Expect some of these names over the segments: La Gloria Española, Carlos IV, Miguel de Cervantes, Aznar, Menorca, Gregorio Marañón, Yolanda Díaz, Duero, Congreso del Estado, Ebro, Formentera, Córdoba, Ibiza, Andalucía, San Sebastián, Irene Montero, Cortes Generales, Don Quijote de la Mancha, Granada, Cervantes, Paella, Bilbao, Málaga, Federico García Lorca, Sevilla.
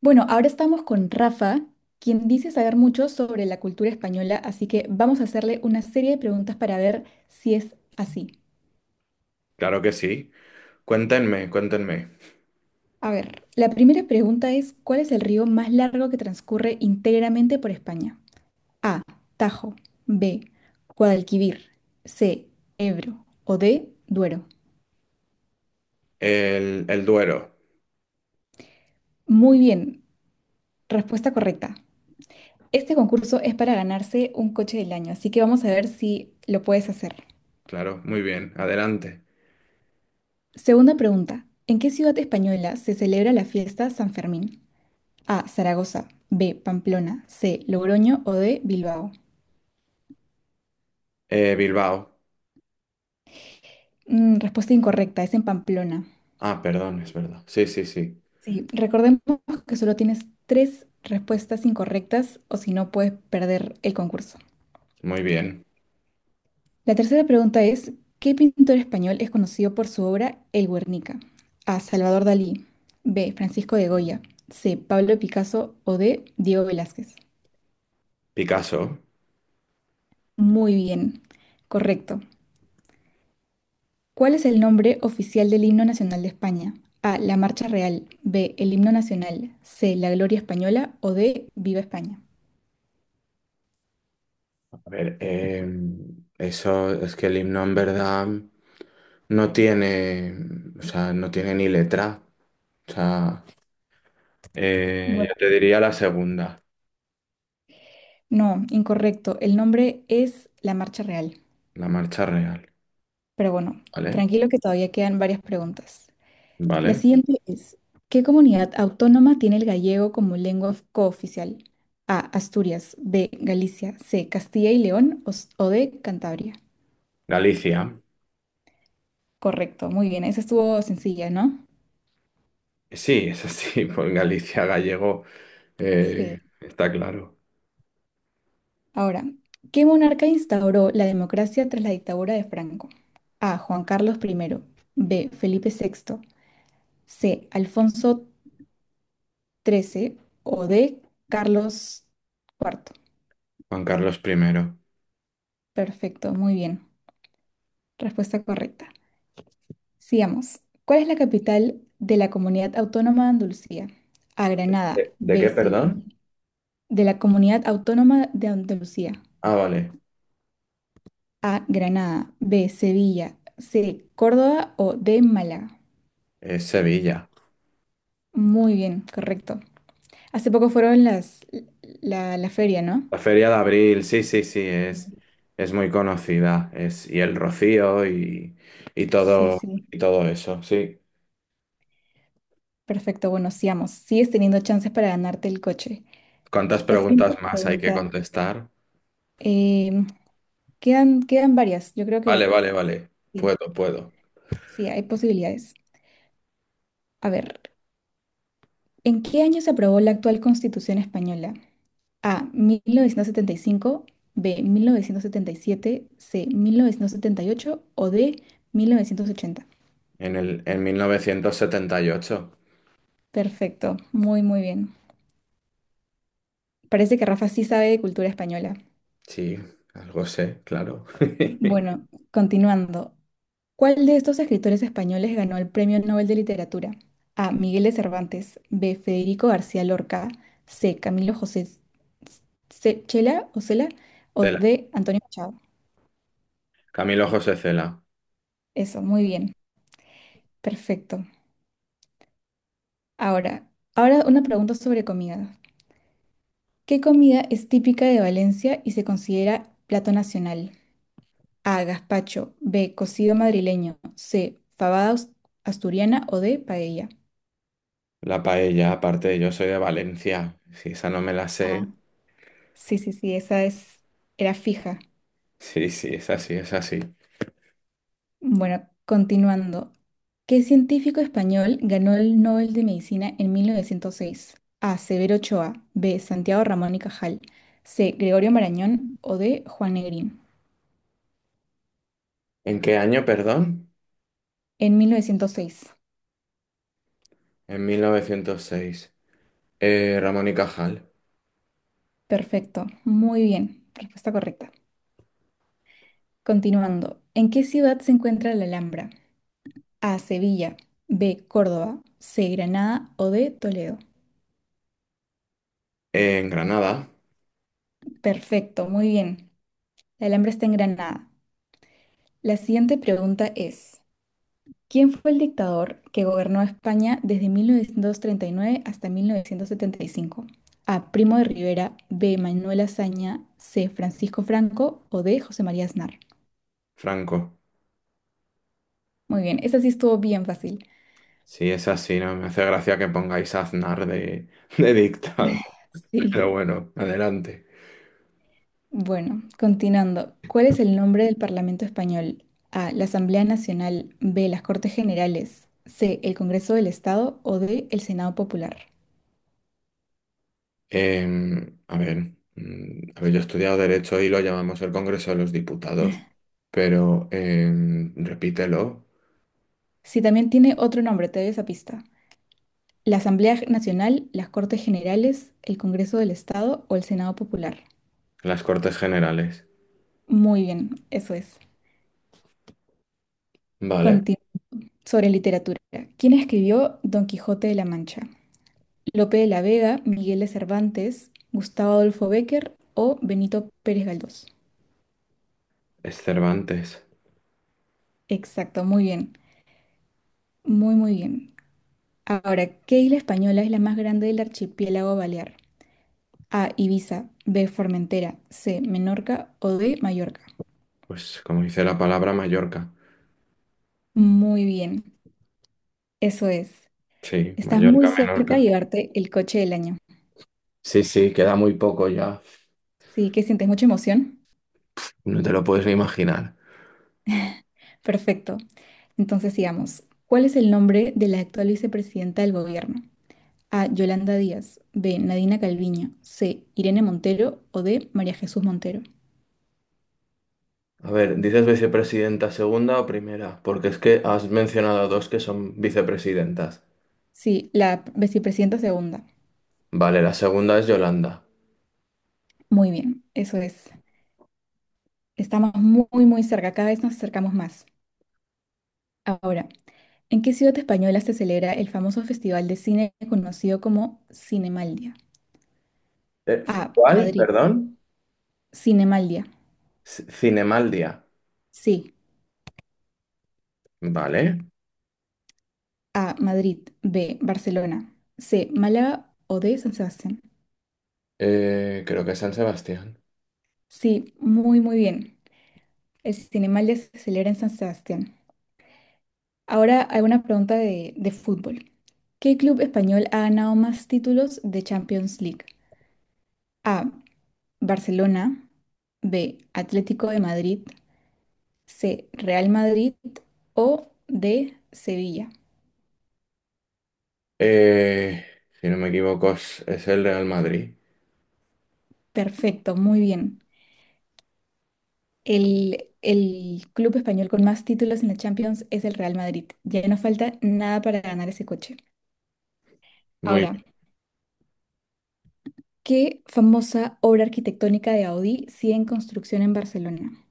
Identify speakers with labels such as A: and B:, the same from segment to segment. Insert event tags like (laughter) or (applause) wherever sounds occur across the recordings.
A: Bueno, ahora estamos con Rafa, quien dice saber mucho sobre la cultura española, así que vamos a hacerle una serie de preguntas para ver si es así.
B: Claro que sí. Cuéntenme, cuéntenme.
A: A ver, la primera pregunta es, ¿cuál es el río más largo que transcurre íntegramente por España? A, Tajo, B, Guadalquivir, C, Ebro o D, Duero.
B: El Duero.
A: Muy bien, respuesta correcta. Este concurso es para ganarse un coche del año, así que vamos a ver si lo puedes hacer.
B: Claro, muy bien. Adelante.
A: Segunda pregunta. ¿En qué ciudad española se celebra la fiesta San Fermín? A. Zaragoza. B. Pamplona. C. Logroño o D. Bilbao.
B: Bilbao.
A: Mm, respuesta incorrecta. Es en Pamplona.
B: Ah, perdón, es verdad. Sí, sí, sí.
A: Sí, recordemos que solo tienes tres respuestas incorrectas o si no puedes perder el concurso.
B: Muy bien.
A: La tercera pregunta es, ¿qué pintor español es conocido por su obra El Guernica? A. Salvador Dalí. B. Francisco de Goya. C. Pablo Picasso o D. Diego Velázquez.
B: Picasso.
A: Muy bien. Correcto. ¿Cuál es el nombre oficial del himno nacional de España? A. La Marcha Real. B. El himno nacional. C. La Gloria Española. O D. Viva España.
B: A ver, eso es que el himno en verdad no tiene, o sea, no tiene ni letra. O sea,
A: Bueno,
B: yo te diría la segunda,
A: no, incorrecto. El nombre es La Marcha Real.
B: la marcha real.
A: Pero bueno,
B: ¿Vale?
A: tranquilo que todavía quedan varias preguntas. La
B: ¿Vale?
A: siguiente es, ¿qué comunidad autónoma tiene el gallego como lengua cooficial? A. Asturias. B. Galicia. C. Castilla y León. O, o D. Cantabria.
B: Galicia.
A: Correcto, muy bien. Esa estuvo sencilla, ¿no?
B: Sí, es así, (laughs) pues Galicia gallego.
A: Sí.
B: Está claro.
A: Ahora, ¿qué monarca instauró la democracia tras la dictadura de Franco? A. Juan Carlos I, B. Felipe VI, C. Alfonso XIII o D. Carlos IV.
B: Juan Carlos primero.
A: Perfecto, muy bien. Respuesta correcta. Sigamos. ¿Cuál es la capital de la Comunidad Autónoma de Andalucía? A. Granada,
B: ¿¿De
A: B.
B: qué,
A: Sevilla.
B: perdón?
A: De la Comunidad Autónoma de Andalucía.
B: Ah, vale.
A: A. Granada, B. Sevilla, C. Córdoba o D. Málaga.
B: Es Sevilla.
A: Muy bien, correcto. Hace poco fueron la feria, ¿no?
B: La Feria de Abril, sí, sí, sí, es muy conocida. Es, y el Rocío y
A: Sí,
B: todo,
A: sí.
B: y todo eso, sí.
A: Perfecto, bueno, sigamos. Sigues teniendo chances para ganarte el coche.
B: ¿Cuántas
A: La siguiente
B: preguntas más hay que
A: pregunta.
B: contestar?
A: em, quedan varias. Yo creo que
B: Vale, vale, vale.
A: sí,
B: Puedo, puedo.
A: sí, hay posibilidades. A ver, ¿en qué año se aprobó la actual Constitución española? A, 1975, B, 1977, C, 1978 o D, 1980.
B: En mil novecientos setenta y ocho.
A: Perfecto, muy, muy bien. Parece que Rafa sí sabe de cultura española.
B: Sí, algo sé, claro. (laughs)
A: Bueno, continuando. ¿Cuál de estos escritores españoles ganó el Premio Nobel de Literatura? A. Miguel de Cervantes. B. Federico García Lorca. C. Camilo José Chela o Cela. O
B: Cela,
A: D. Antonio Machado.
B: Camilo José Cela.
A: Eso, muy bien. Perfecto. Ahora, ahora una pregunta sobre comida. ¿Qué comida es típica de Valencia y se considera plato nacional? A. Gazpacho. B. Cocido madrileño. C. Fabada asturiana o D. Paella.
B: La paella, aparte, yo soy de Valencia. Si esa no me la
A: Ah,
B: sé.
A: sí, sí, sí, esa es, era fija.
B: Sí, sí, es así, es así.
A: Bueno, continuando. ¿Qué científico español ganó el Nobel de Medicina en 1906? A. Severo Ochoa. B. Santiago Ramón y Cajal. C. Gregorio Marañón o D. Juan Negrín.
B: ¿En qué año, perdón?
A: En 1906.
B: En 1906. Ramón y Cajal.
A: Perfecto. Muy bien. Respuesta correcta. Continuando. ¿En qué ciudad se encuentra la Alhambra? A, Sevilla. B, Córdoba. C, Granada o D, Toledo.
B: En Granada.
A: Perfecto, muy bien. La Alhambra está en Granada. La siguiente pregunta es, ¿quién fue el dictador que gobernó España desde 1939 hasta 1975? A, Primo de Rivera. B, Manuel Azaña. C, Francisco Franco o D, José María Aznar.
B: Franco.
A: Muy bien, esa sí estuvo bien fácil.
B: Sí, es así, ¿no? Me hace gracia que pongáis a Aznar de, (laughs) de dictado.
A: Sí.
B: Pero bueno, adelante.
A: Bueno, continuando. ¿Cuál es el nombre del Parlamento español? A. La Asamblea Nacional. B. Las Cortes Generales. C. El Congreso del Estado. O D. El Senado Popular.
B: A ver, a ver, yo he estudiado Derecho y lo llamamos el Congreso de los Diputados. Pero repítelo,
A: Si también tiene otro nombre, te doy esa pista. La Asamblea Nacional, las Cortes Generales, el Congreso del Estado o el Senado Popular.
B: las Cortes Generales.
A: Muy bien, eso es.
B: Vale.
A: Continu- Sobre literatura. ¿Quién escribió Don Quijote de la Mancha? Lope de la Vega, Miguel de Cervantes, Gustavo Adolfo Bécquer o Benito Pérez Galdós.
B: Es Cervantes.
A: Exacto, muy bien, muy muy bien. Ahora, ¿qué isla española es la más grande del archipiélago balear? A, Ibiza, B, Formentera, C, Menorca o D, Mallorca.
B: Pues como dice la palabra, Mallorca.
A: Muy bien, eso es.
B: Sí,
A: Estás muy
B: Mallorca,
A: cerca de
B: Menorca.
A: llevarte el coche del año.
B: Sí, sí, queda muy poco ya.
A: Sí, que sientes mucha emoción.
B: No te lo puedes ni imaginar.
A: Perfecto. Entonces sigamos. ¿Cuál es el nombre de la actual vicepresidenta del gobierno? A, Yolanda Díaz, B, Nadina Calviño, C, Irene Montero o D, María Jesús Montero.
B: A ver, ¿dices vicepresidenta segunda o primera? Porque es que has mencionado dos que son vicepresidentas.
A: Sí, la vicepresidenta segunda.
B: Vale, la segunda es Yolanda.
A: Muy bien, eso es. Estamos muy, muy cerca, cada vez nos acercamos más. Ahora, ¿en qué ciudad española se celebra el famoso festival de cine conocido como Cinemaldia?
B: Eh,
A: A.
B: ¿Cuál?
A: Madrid.
B: Perdón.
A: Cinemaldia.
B: Cinemaldia.
A: Sí,
B: Vale.
A: A. Madrid. B. Barcelona. C. Málaga o D. San Sebastián.
B: Creo que es San Sebastián.
A: Sí, muy, muy bien. El Cinemaldia se celebra en San Sebastián. Ahora, alguna pregunta de fútbol. ¿Qué club español ha ganado más títulos de Champions League? A. Barcelona, B, Atlético de Madrid, C, Real Madrid o D, Sevilla.
B: Eh, si no me equivoco, es el Real Madrid.
A: Perfecto, muy bien. El club español con más títulos en la Champions es el Real Madrid. Ya no falta nada para ganar ese coche.
B: Muy
A: Ahora,
B: bien.
A: ¿qué famosa obra arquitectónica de Gaudí sigue en construcción en Barcelona?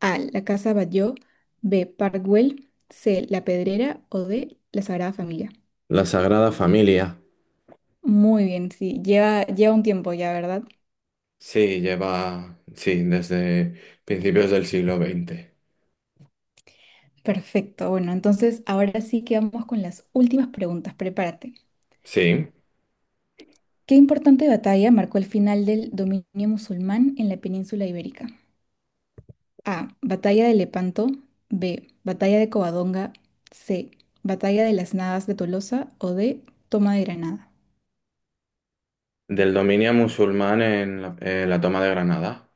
A: A, la Casa Batlló, B, Park Güell, C, La Pedrera o D, la Sagrada Familia.
B: La Sagrada Familia.
A: Muy bien, sí, lleva, lleva un tiempo ya, ¿verdad?
B: Sí, lleva, sí, desde principios del siglo XX.
A: Perfecto. Bueno, entonces ahora sí que vamos con las últimas preguntas. Prepárate.
B: Sí,
A: ¿Qué importante batalla marcó el final del dominio musulmán en la península ibérica? A. Batalla de Lepanto. B. Batalla de Covadonga. C. Batalla de las Navas de Tolosa. O D. Toma de Granada.
B: del dominio musulmán en la toma de Granada.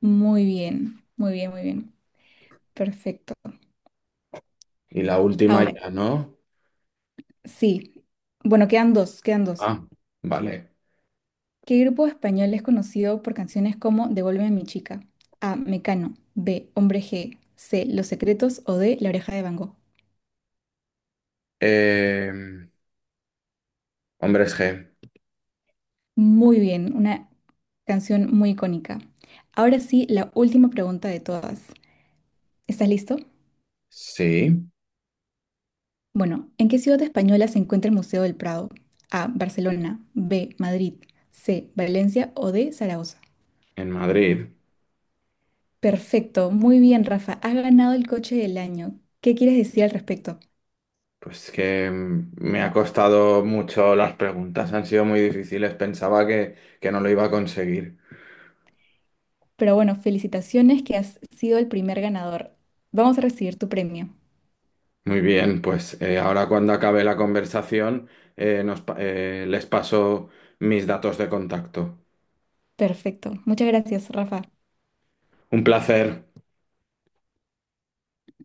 A: Muy bien, muy bien, muy bien. Perfecto.
B: Y la última
A: Ahora,
B: ya, ¿no?
A: sí. Bueno, quedan dos, quedan dos.
B: Ah, vale.
A: ¿Qué grupo español es conocido por canciones como Devuélveme a mi chica? A. Mecano. B. Hombre G. C. Los Secretos o D. La Oreja de Van Gogh.
B: Eh, Hombres G.
A: Muy bien, una canción muy icónica. Ahora sí, la última pregunta de todas. ¿Estás listo?
B: Sí,
A: Bueno, ¿en qué ciudad española se encuentra el Museo del Prado? A. Barcelona. B. Madrid. C. Valencia o D. Zaragoza.
B: en Madrid.
A: Perfecto, muy bien, Rafa. Has ganado el coche del año. ¿Qué quieres decir al respecto?
B: Pues que me ha costado mucho las preguntas, han sido muy difíciles. Pensaba que no lo iba a conseguir.
A: Pero bueno, felicitaciones que has sido el primer ganador. Vamos a recibir tu premio.
B: Muy bien, pues ahora cuando acabe la conversación, les paso mis datos de contacto.
A: Perfecto. Muchas gracias, Rafa.
B: Un placer.